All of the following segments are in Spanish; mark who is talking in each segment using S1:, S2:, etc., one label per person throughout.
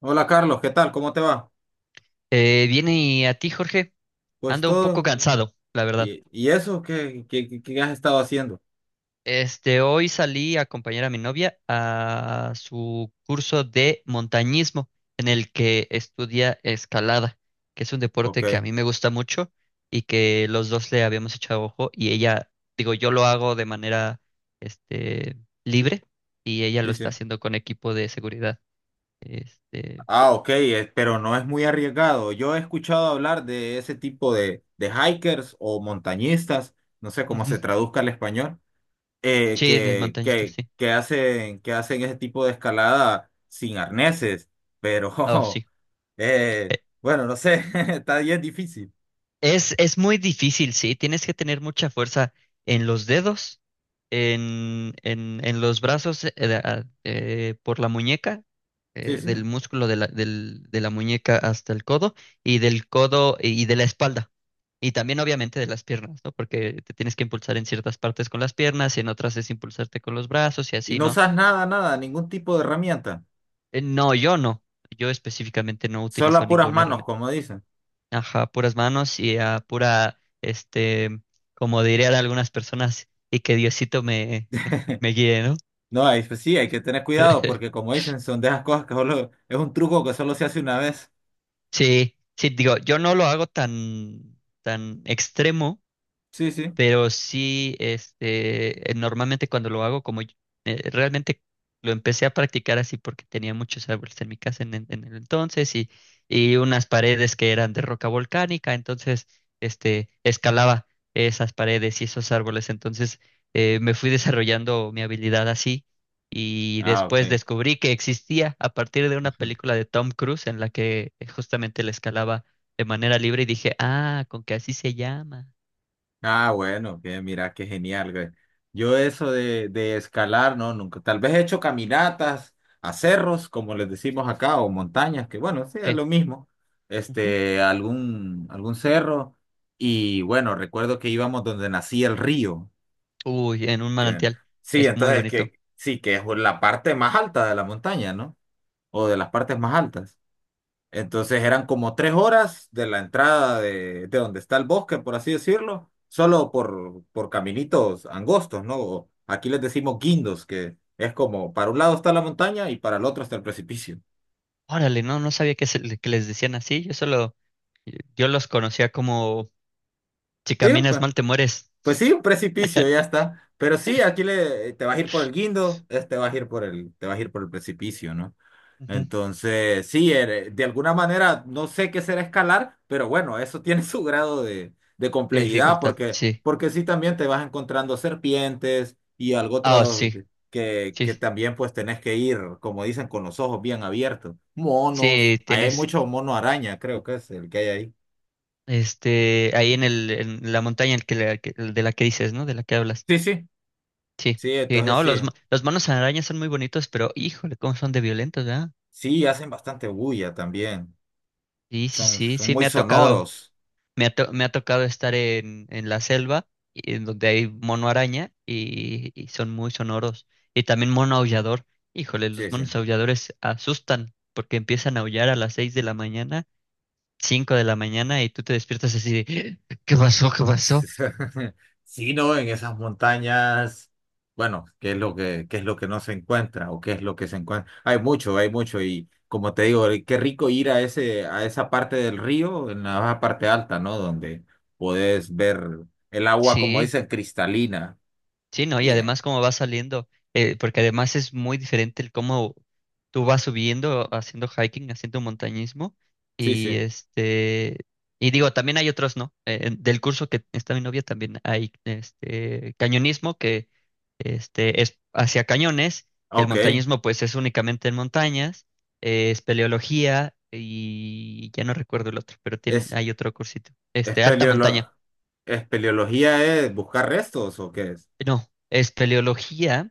S1: Hola Carlos, ¿qué tal? ¿Cómo te va?
S2: Viene y a ti, Jorge.
S1: Pues
S2: Ando un poco
S1: todo.
S2: cansado, la verdad.
S1: ¿Y eso qué has estado haciendo?
S2: Hoy salí a acompañar a mi novia a su curso de montañismo, en el que estudia escalada, que es un
S1: Ok,
S2: deporte que a mí me gusta mucho y que los dos le habíamos echado ojo. Y ella, digo, yo lo hago de manera, este, libre, y ella lo
S1: sí, sí.
S2: está haciendo con equipo de seguridad. Este,
S1: Ah, ok, pero no es muy arriesgado. Yo he escuchado hablar de ese tipo de hikers o montañistas, no sé cómo
S2: Ujú.
S1: se traduzca al español,
S2: Sí, es
S1: que,
S2: montañista,
S1: que,
S2: sí.
S1: que hacen, que hacen ese tipo de escalada sin arneses,
S2: Oh,
S1: pero
S2: sí.
S1: eh, bueno, no sé, está bien difícil.
S2: Es muy difícil, sí. Tienes que tener mucha fuerza en los dedos, en los brazos, por la muñeca,
S1: Sí, sí.
S2: del músculo de la muñeca hasta el codo, y del codo y de la espalda. Y también obviamente de las piernas, ¿no? Porque te tienes que impulsar en ciertas partes con las piernas y en otras es impulsarte con los brazos y
S1: Y
S2: así,
S1: no
S2: ¿no?
S1: usas nada, nada, ningún tipo de herramienta.
S2: No, yo no. Yo específicamente no
S1: Solo
S2: utilizo
S1: a puras
S2: ninguna
S1: manos,
S2: herramienta.
S1: como dicen.
S2: Ajá, puras manos y a pura, como dirían algunas personas, y que Diosito me, me guíe, ¿no?
S1: No, ahí pues sí, hay que tener cuidado porque como dicen, son de esas cosas que solo es un truco que solo se hace una vez.
S2: Sí, sí, digo, yo no lo hago tan, tan extremo.
S1: Sí, sí.
S2: Pero sí, normalmente cuando lo hago, realmente lo empecé a practicar así porque tenía muchos árboles en mi casa en el entonces, y unas paredes que eran de roca volcánica. Entonces escalaba esas paredes y esos árboles. Entonces me fui desarrollando mi habilidad así, y
S1: Ah, ok.
S2: después descubrí que existía a partir de una película de Tom Cruise en la que justamente le escalaba de manera libre, y dije, ah, con que así se llama.
S1: Ah, bueno, que mira, qué genial, güey. Yo eso de escalar, no, nunca. Tal vez he hecho caminatas a cerros, como les decimos acá, o montañas, que bueno, sí, es
S2: Sí.
S1: lo mismo. Este, algún cerro. Y bueno, recuerdo que íbamos donde nacía el río.
S2: Uy, en un
S1: Que-
S2: manantial.
S1: sí,
S2: Es muy
S1: entonces es
S2: bonito.
S1: que sí, que es la parte más alta de la montaña, ¿no? O de las partes más altas. Entonces eran como tres horas de la entrada de donde está el bosque, por así decirlo, solo por caminitos angostos, ¿no? O aquí les decimos guindos, que es como para un lado está la montaña y para el otro está el precipicio.
S2: Órale, no, no sabía que, que les decían así. Yo solo, yo los conocía como si caminas mal te mueres.
S1: Pues sí, un precipicio, ya está. Pero sí, aquí le, te vas a ir por el guindo, este vas a ir por el, te vas a ir por el precipicio, ¿no?
S2: Ujú.
S1: Entonces, sí, de alguna manera no sé qué será escalar, pero bueno, eso tiene su grado de
S2: De
S1: complejidad,
S2: dificultad,
S1: porque,
S2: sí.
S1: porque sí también te vas encontrando serpientes y algo
S2: Ah,
S1: otro
S2: sí,
S1: que
S2: sí,
S1: también pues tenés que ir, como dicen, con los ojos bien abiertos. Monos,
S2: sí,
S1: ahí hay
S2: tienes,
S1: mucho mono araña, creo que es el que hay ahí.
S2: ahí en el, en la montaña el que, el de la que dices, ¿no? De la que hablas.
S1: Sí, sí.
S2: Sí,
S1: Sí,
S2: sí,
S1: entonces
S2: no,
S1: sí.
S2: los, los monos arañas son muy bonitos, pero híjole, cómo son de violentos, ¿verdad?
S1: Sí, hacen bastante bulla también.
S2: Sí, sí,
S1: Son,
S2: sí,
S1: son
S2: sí, me
S1: muy
S2: ha tocado.
S1: sonoros.
S2: Me ha tocado estar en la selva, en donde hay mono araña, y son muy sonoros. Y también mono aullador. Híjole,
S1: Sí,
S2: los
S1: sí.
S2: monos aulladores asustan porque empiezan a aullar a las 6 de la mañana, 5 de la mañana, y tú te despiertas así de, ¿qué pasó? ¿Qué pasó?
S1: Sí, no, en esas montañas, bueno, ¿qué es lo que, qué es lo que no se encuentra o qué es lo que se encuentra? Hay mucho y como te digo, qué rico ir a ese, a esa parte del río, en la parte alta, ¿no? Donde podés ver el agua, como
S2: Sí.
S1: dicen, cristalina.
S2: Sí, ¿no? Y
S1: Y ya.
S2: además cómo va saliendo, porque además es muy diferente el cómo tú vas subiendo, haciendo hiking, haciendo montañismo.
S1: Sí,
S2: y
S1: sí.
S2: este, y digo, también hay otros, ¿no? Del curso que está mi novia también hay este cañonismo, que es hacia cañones. El
S1: Ok.
S2: montañismo pues es únicamente en montañas, es espeleología, y ya no recuerdo el otro, pero tiene,
S1: ¿Es
S2: hay otro cursito, alta montaña.
S1: espeleolo- espeleología es buscar restos o qué es?
S2: No, espeleología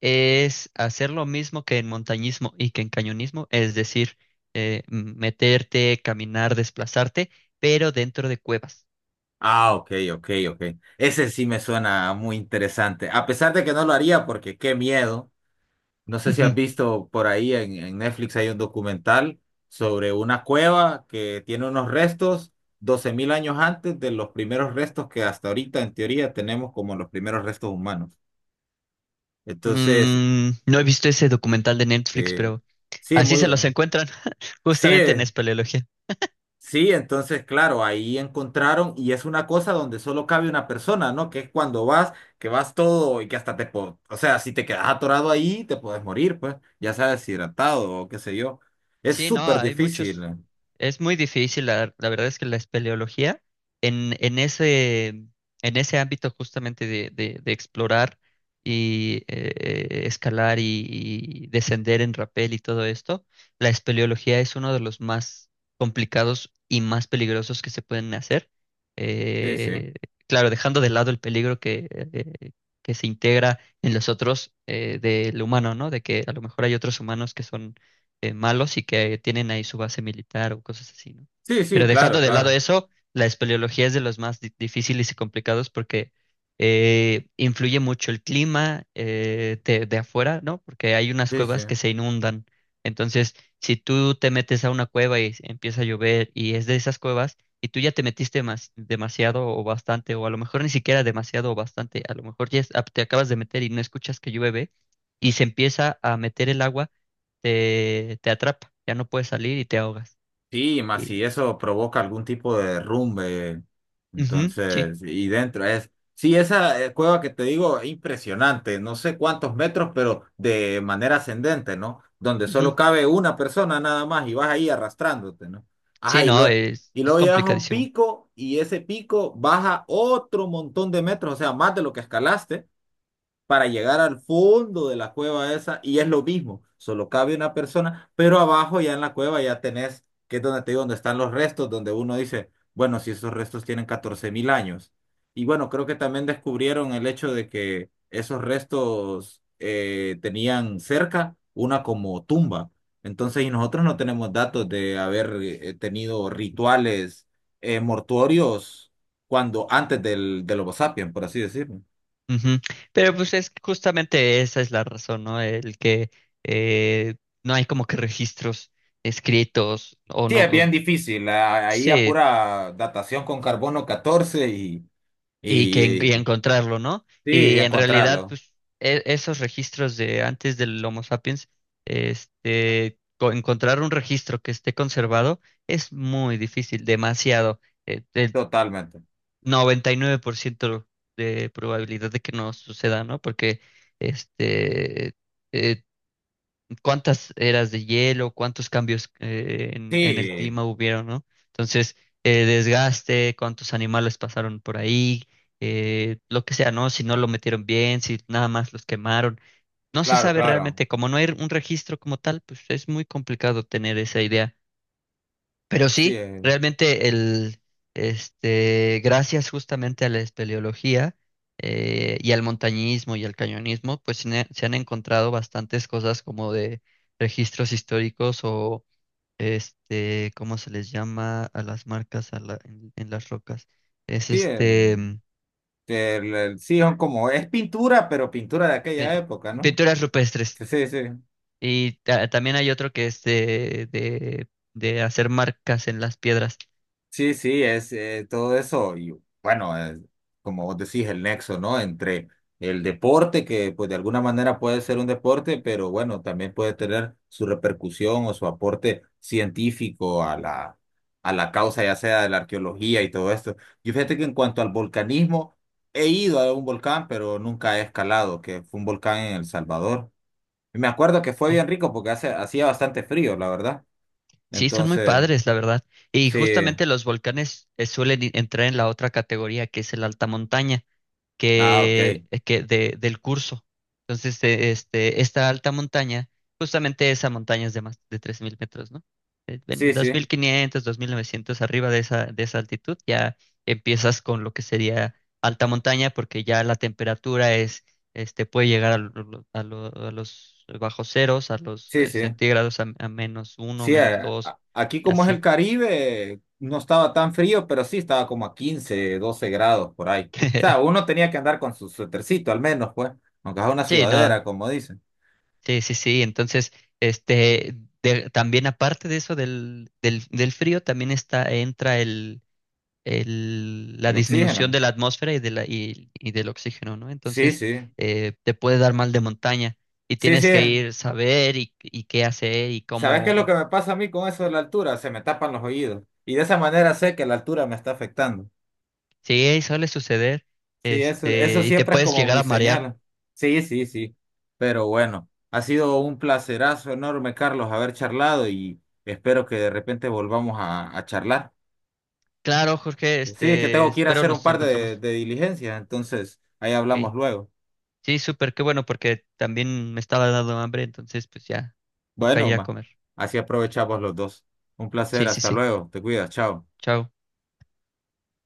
S2: es hacer lo mismo que en montañismo y que en cañonismo, es decir, meterte, caminar, desplazarte, pero dentro de cuevas.
S1: Ah, ok, ok, ok. Ese sí me suena muy interesante. A pesar de que no lo haría porque qué miedo. No sé si has
S2: Ujú.
S1: visto por ahí en Netflix hay un documental sobre una cueva que tiene unos restos 12,000 años antes de los primeros restos que hasta ahorita en teoría tenemos como los primeros restos humanos. Entonces,
S2: Mm, no he visto ese documental de Netflix,
S1: eh,
S2: pero
S1: sí,
S2: así
S1: muy...
S2: se los encuentran justamente en
S1: Sí,
S2: espeleología.
S1: sí, entonces, claro, ahí encontraron y es una cosa donde solo cabe una persona, ¿no? Que es cuando vas, que vas todo y que hasta te... O sea, si te quedas atorado ahí, te puedes morir, pues, ya sea deshidratado o qué sé yo. Es
S2: Sí, no,
S1: súper
S2: hay
S1: difícil.
S2: muchos. Es muy difícil, la verdad es que la espeleología en ese ámbito justamente de explorar y escalar y descender en rapel y todo esto, la espeleología es uno de los más complicados y más peligrosos que se pueden hacer.
S1: Sí, sí.
S2: Eh, claro, dejando de lado el peligro que se integra en los otros del humano, ¿no? De que a lo mejor hay otros humanos que son malos y que tienen ahí su base militar o cosas así, ¿no?
S1: Sí, sí,
S2: Pero
S1: claro,
S2: dejando de lado
S1: claro.
S2: eso, la espeleología es de los más difíciles y complicados porque influye mucho el clima de afuera, ¿no? Porque hay unas
S1: Sí, sí.
S2: cuevas que se inundan. Entonces, si tú te metes a una cueva y empieza a llover y es de esas cuevas y tú ya te metiste demasiado o bastante, o a lo mejor ni siquiera demasiado o bastante, a lo mejor ya ah, te acabas de meter y no escuchas que llueve y se empieza a meter el agua, te atrapa, ya no puedes salir y te ahogas.
S1: Sí, más
S2: Y,
S1: si eso provoca algún tipo de derrumbe,
S2: ujú, sí,
S1: entonces, y dentro es, sí, esa cueva que te digo, es impresionante, no sé cuántos metros, pero de manera ascendente, ¿no? Donde solo
S2: ujú.
S1: cabe una persona nada más y vas ahí arrastrándote, ¿no? Ajá,
S2: Sí,
S1: y,
S2: no,
S1: lo, y
S2: es
S1: luego llegas a un
S2: complicadísimo.
S1: pico y ese pico baja otro montón de metros, o sea, más de lo que escalaste para llegar al fondo de la cueva esa y es lo mismo, solo cabe una persona, pero abajo ya en la cueva ya tenés, que es donde te digo, donde están los restos, donde uno dice, bueno, si esos restos tienen 14,000 años. Y bueno, creo que también descubrieron el hecho de que esos restos tenían cerca una como tumba. Entonces, y nosotros no tenemos datos de haber tenido rituales mortuorios cuando antes del Homo sapiens, por así decirlo.
S2: Ujú. Pero pues es que justamente esa es la razón, ¿no? El que eh, no hay como que registros escritos o
S1: Sí,
S2: no,
S1: es bien
S2: o-
S1: difícil. Ahí a
S2: sí,
S1: pura datación con carbono 14
S2: y
S1: y,
S2: que y encontrarlo, ¿no?
S1: sí, y
S2: Y en realidad,
S1: encontrarlo.
S2: pues esos registros de antes del Homo sapiens, encontrar un registro que esté conservado es muy difícil, demasiado, eh, de,
S1: Totalmente.
S2: 99% de probabilidad de que no suceda, ¿no? Porque, este, eh, cuántas eras de hielo, cuántos cambios en el
S1: Sí,
S2: clima hubieron, ¿no? Entonces, desgaste, cuántos animales pasaron por ahí, lo que sea, ¿no? Si no lo metieron bien, si nada más los quemaron. No se
S1: claro,
S2: sabe
S1: claro.
S2: realmente, como no hay un registro como tal, pues es muy complicado tener esa idea. Pero
S1: Sí,
S2: sí, realmente el, gracias justamente a la espeleología y al montañismo y al cañonismo, pues se han encontrado bastantes cosas como de registros históricos o ¿cómo se les llama a las marcas en las rocas? Es
S1: sí,
S2: este, mm,
S1: sí, son como, es pintura, pero pintura de
S2: pe-
S1: aquella época, ¿no?
S2: pinturas rupestres.
S1: Sí, sí, sí.
S2: Y también hay otro que es de hacer marcas en las piedras.
S1: Sí, sí, es todo eso. Y bueno, como vos decís, el nexo, ¿no? Entre el deporte, que pues de alguna manera puede ser un deporte, pero bueno, también puede tener su repercusión o su aporte científico a la causa, ya sea de la arqueología y todo esto. Yo fíjate que en cuanto al volcanismo, he ido a un volcán, pero nunca he escalado, que fue un volcán en El Salvador. Y me acuerdo que fue bien rico porque hace, hacía bastante frío, la verdad.
S2: Sí, son muy
S1: Entonces,
S2: padres, la verdad. Y
S1: sí.
S2: justamente los volcanes suelen entrar en la otra categoría, que es el alta montaña
S1: Ah, ok.
S2: del curso. Entonces, esta alta montaña, justamente esa montaña es de más de 3000 metros, ¿no?
S1: Sí,
S2: Dos
S1: sí,
S2: mil quinientos, 2900. Arriba de esa altitud, ya empiezas con lo que sería alta montaña, porque ya la temperatura es, puede llegar a los bajos ceros, a los
S1: sí, sí.
S2: centígrados, a menos uno,
S1: Sí,
S2: menos dos,
S1: aquí
S2: y
S1: como es el
S2: así.
S1: Caribe, no estaba tan frío, pero sí estaba como a 15 o 12 grados por ahí. O sea, uno tenía que andar con su suétercito al menos, pues, aunque es una
S2: Sí, no.
S1: sudadera, como dicen,
S2: Sí, sí, sí. Entonces, este, también aparte de eso del frío, también está, entra la
S1: el
S2: disminución
S1: oxígeno.
S2: de la atmósfera y, y del oxígeno, ¿no?
S1: Sí,
S2: Entonces,
S1: sí,
S2: te puede dar mal de montaña, y
S1: sí, sí.
S2: tienes que ir saber y qué hacer y
S1: ¿Sabes qué es lo
S2: cómo.
S1: que me pasa a mí con eso de la altura? Se me tapan los oídos. Y de esa manera sé que la altura me está afectando.
S2: Sí, suele suceder.
S1: Sí, eso
S2: Y te
S1: siempre es
S2: puedes
S1: como
S2: llegar
S1: mi
S2: a marear.
S1: señal. Sí, sí, sí. Pero bueno, ha sido un placerazo enorme, Carlos, haber charlado y espero que de repente volvamos a charlar.
S2: Claro, Jorge,
S1: Sí, es que tengo que ir a
S2: espero
S1: hacer un
S2: nos
S1: par
S2: encontremos.
S1: de diligencias, entonces ahí hablamos
S2: Ok.
S1: luego.
S2: Sí, súper, qué bueno, porque también me estaba dando hambre, entonces pues ya, toca
S1: Bueno,
S2: ir a
S1: ma,
S2: comer.
S1: así aprovechamos los dos. Un placer,
S2: Sí, sí,
S1: hasta
S2: sí.
S1: luego, te cuidas, chao.
S2: Chao.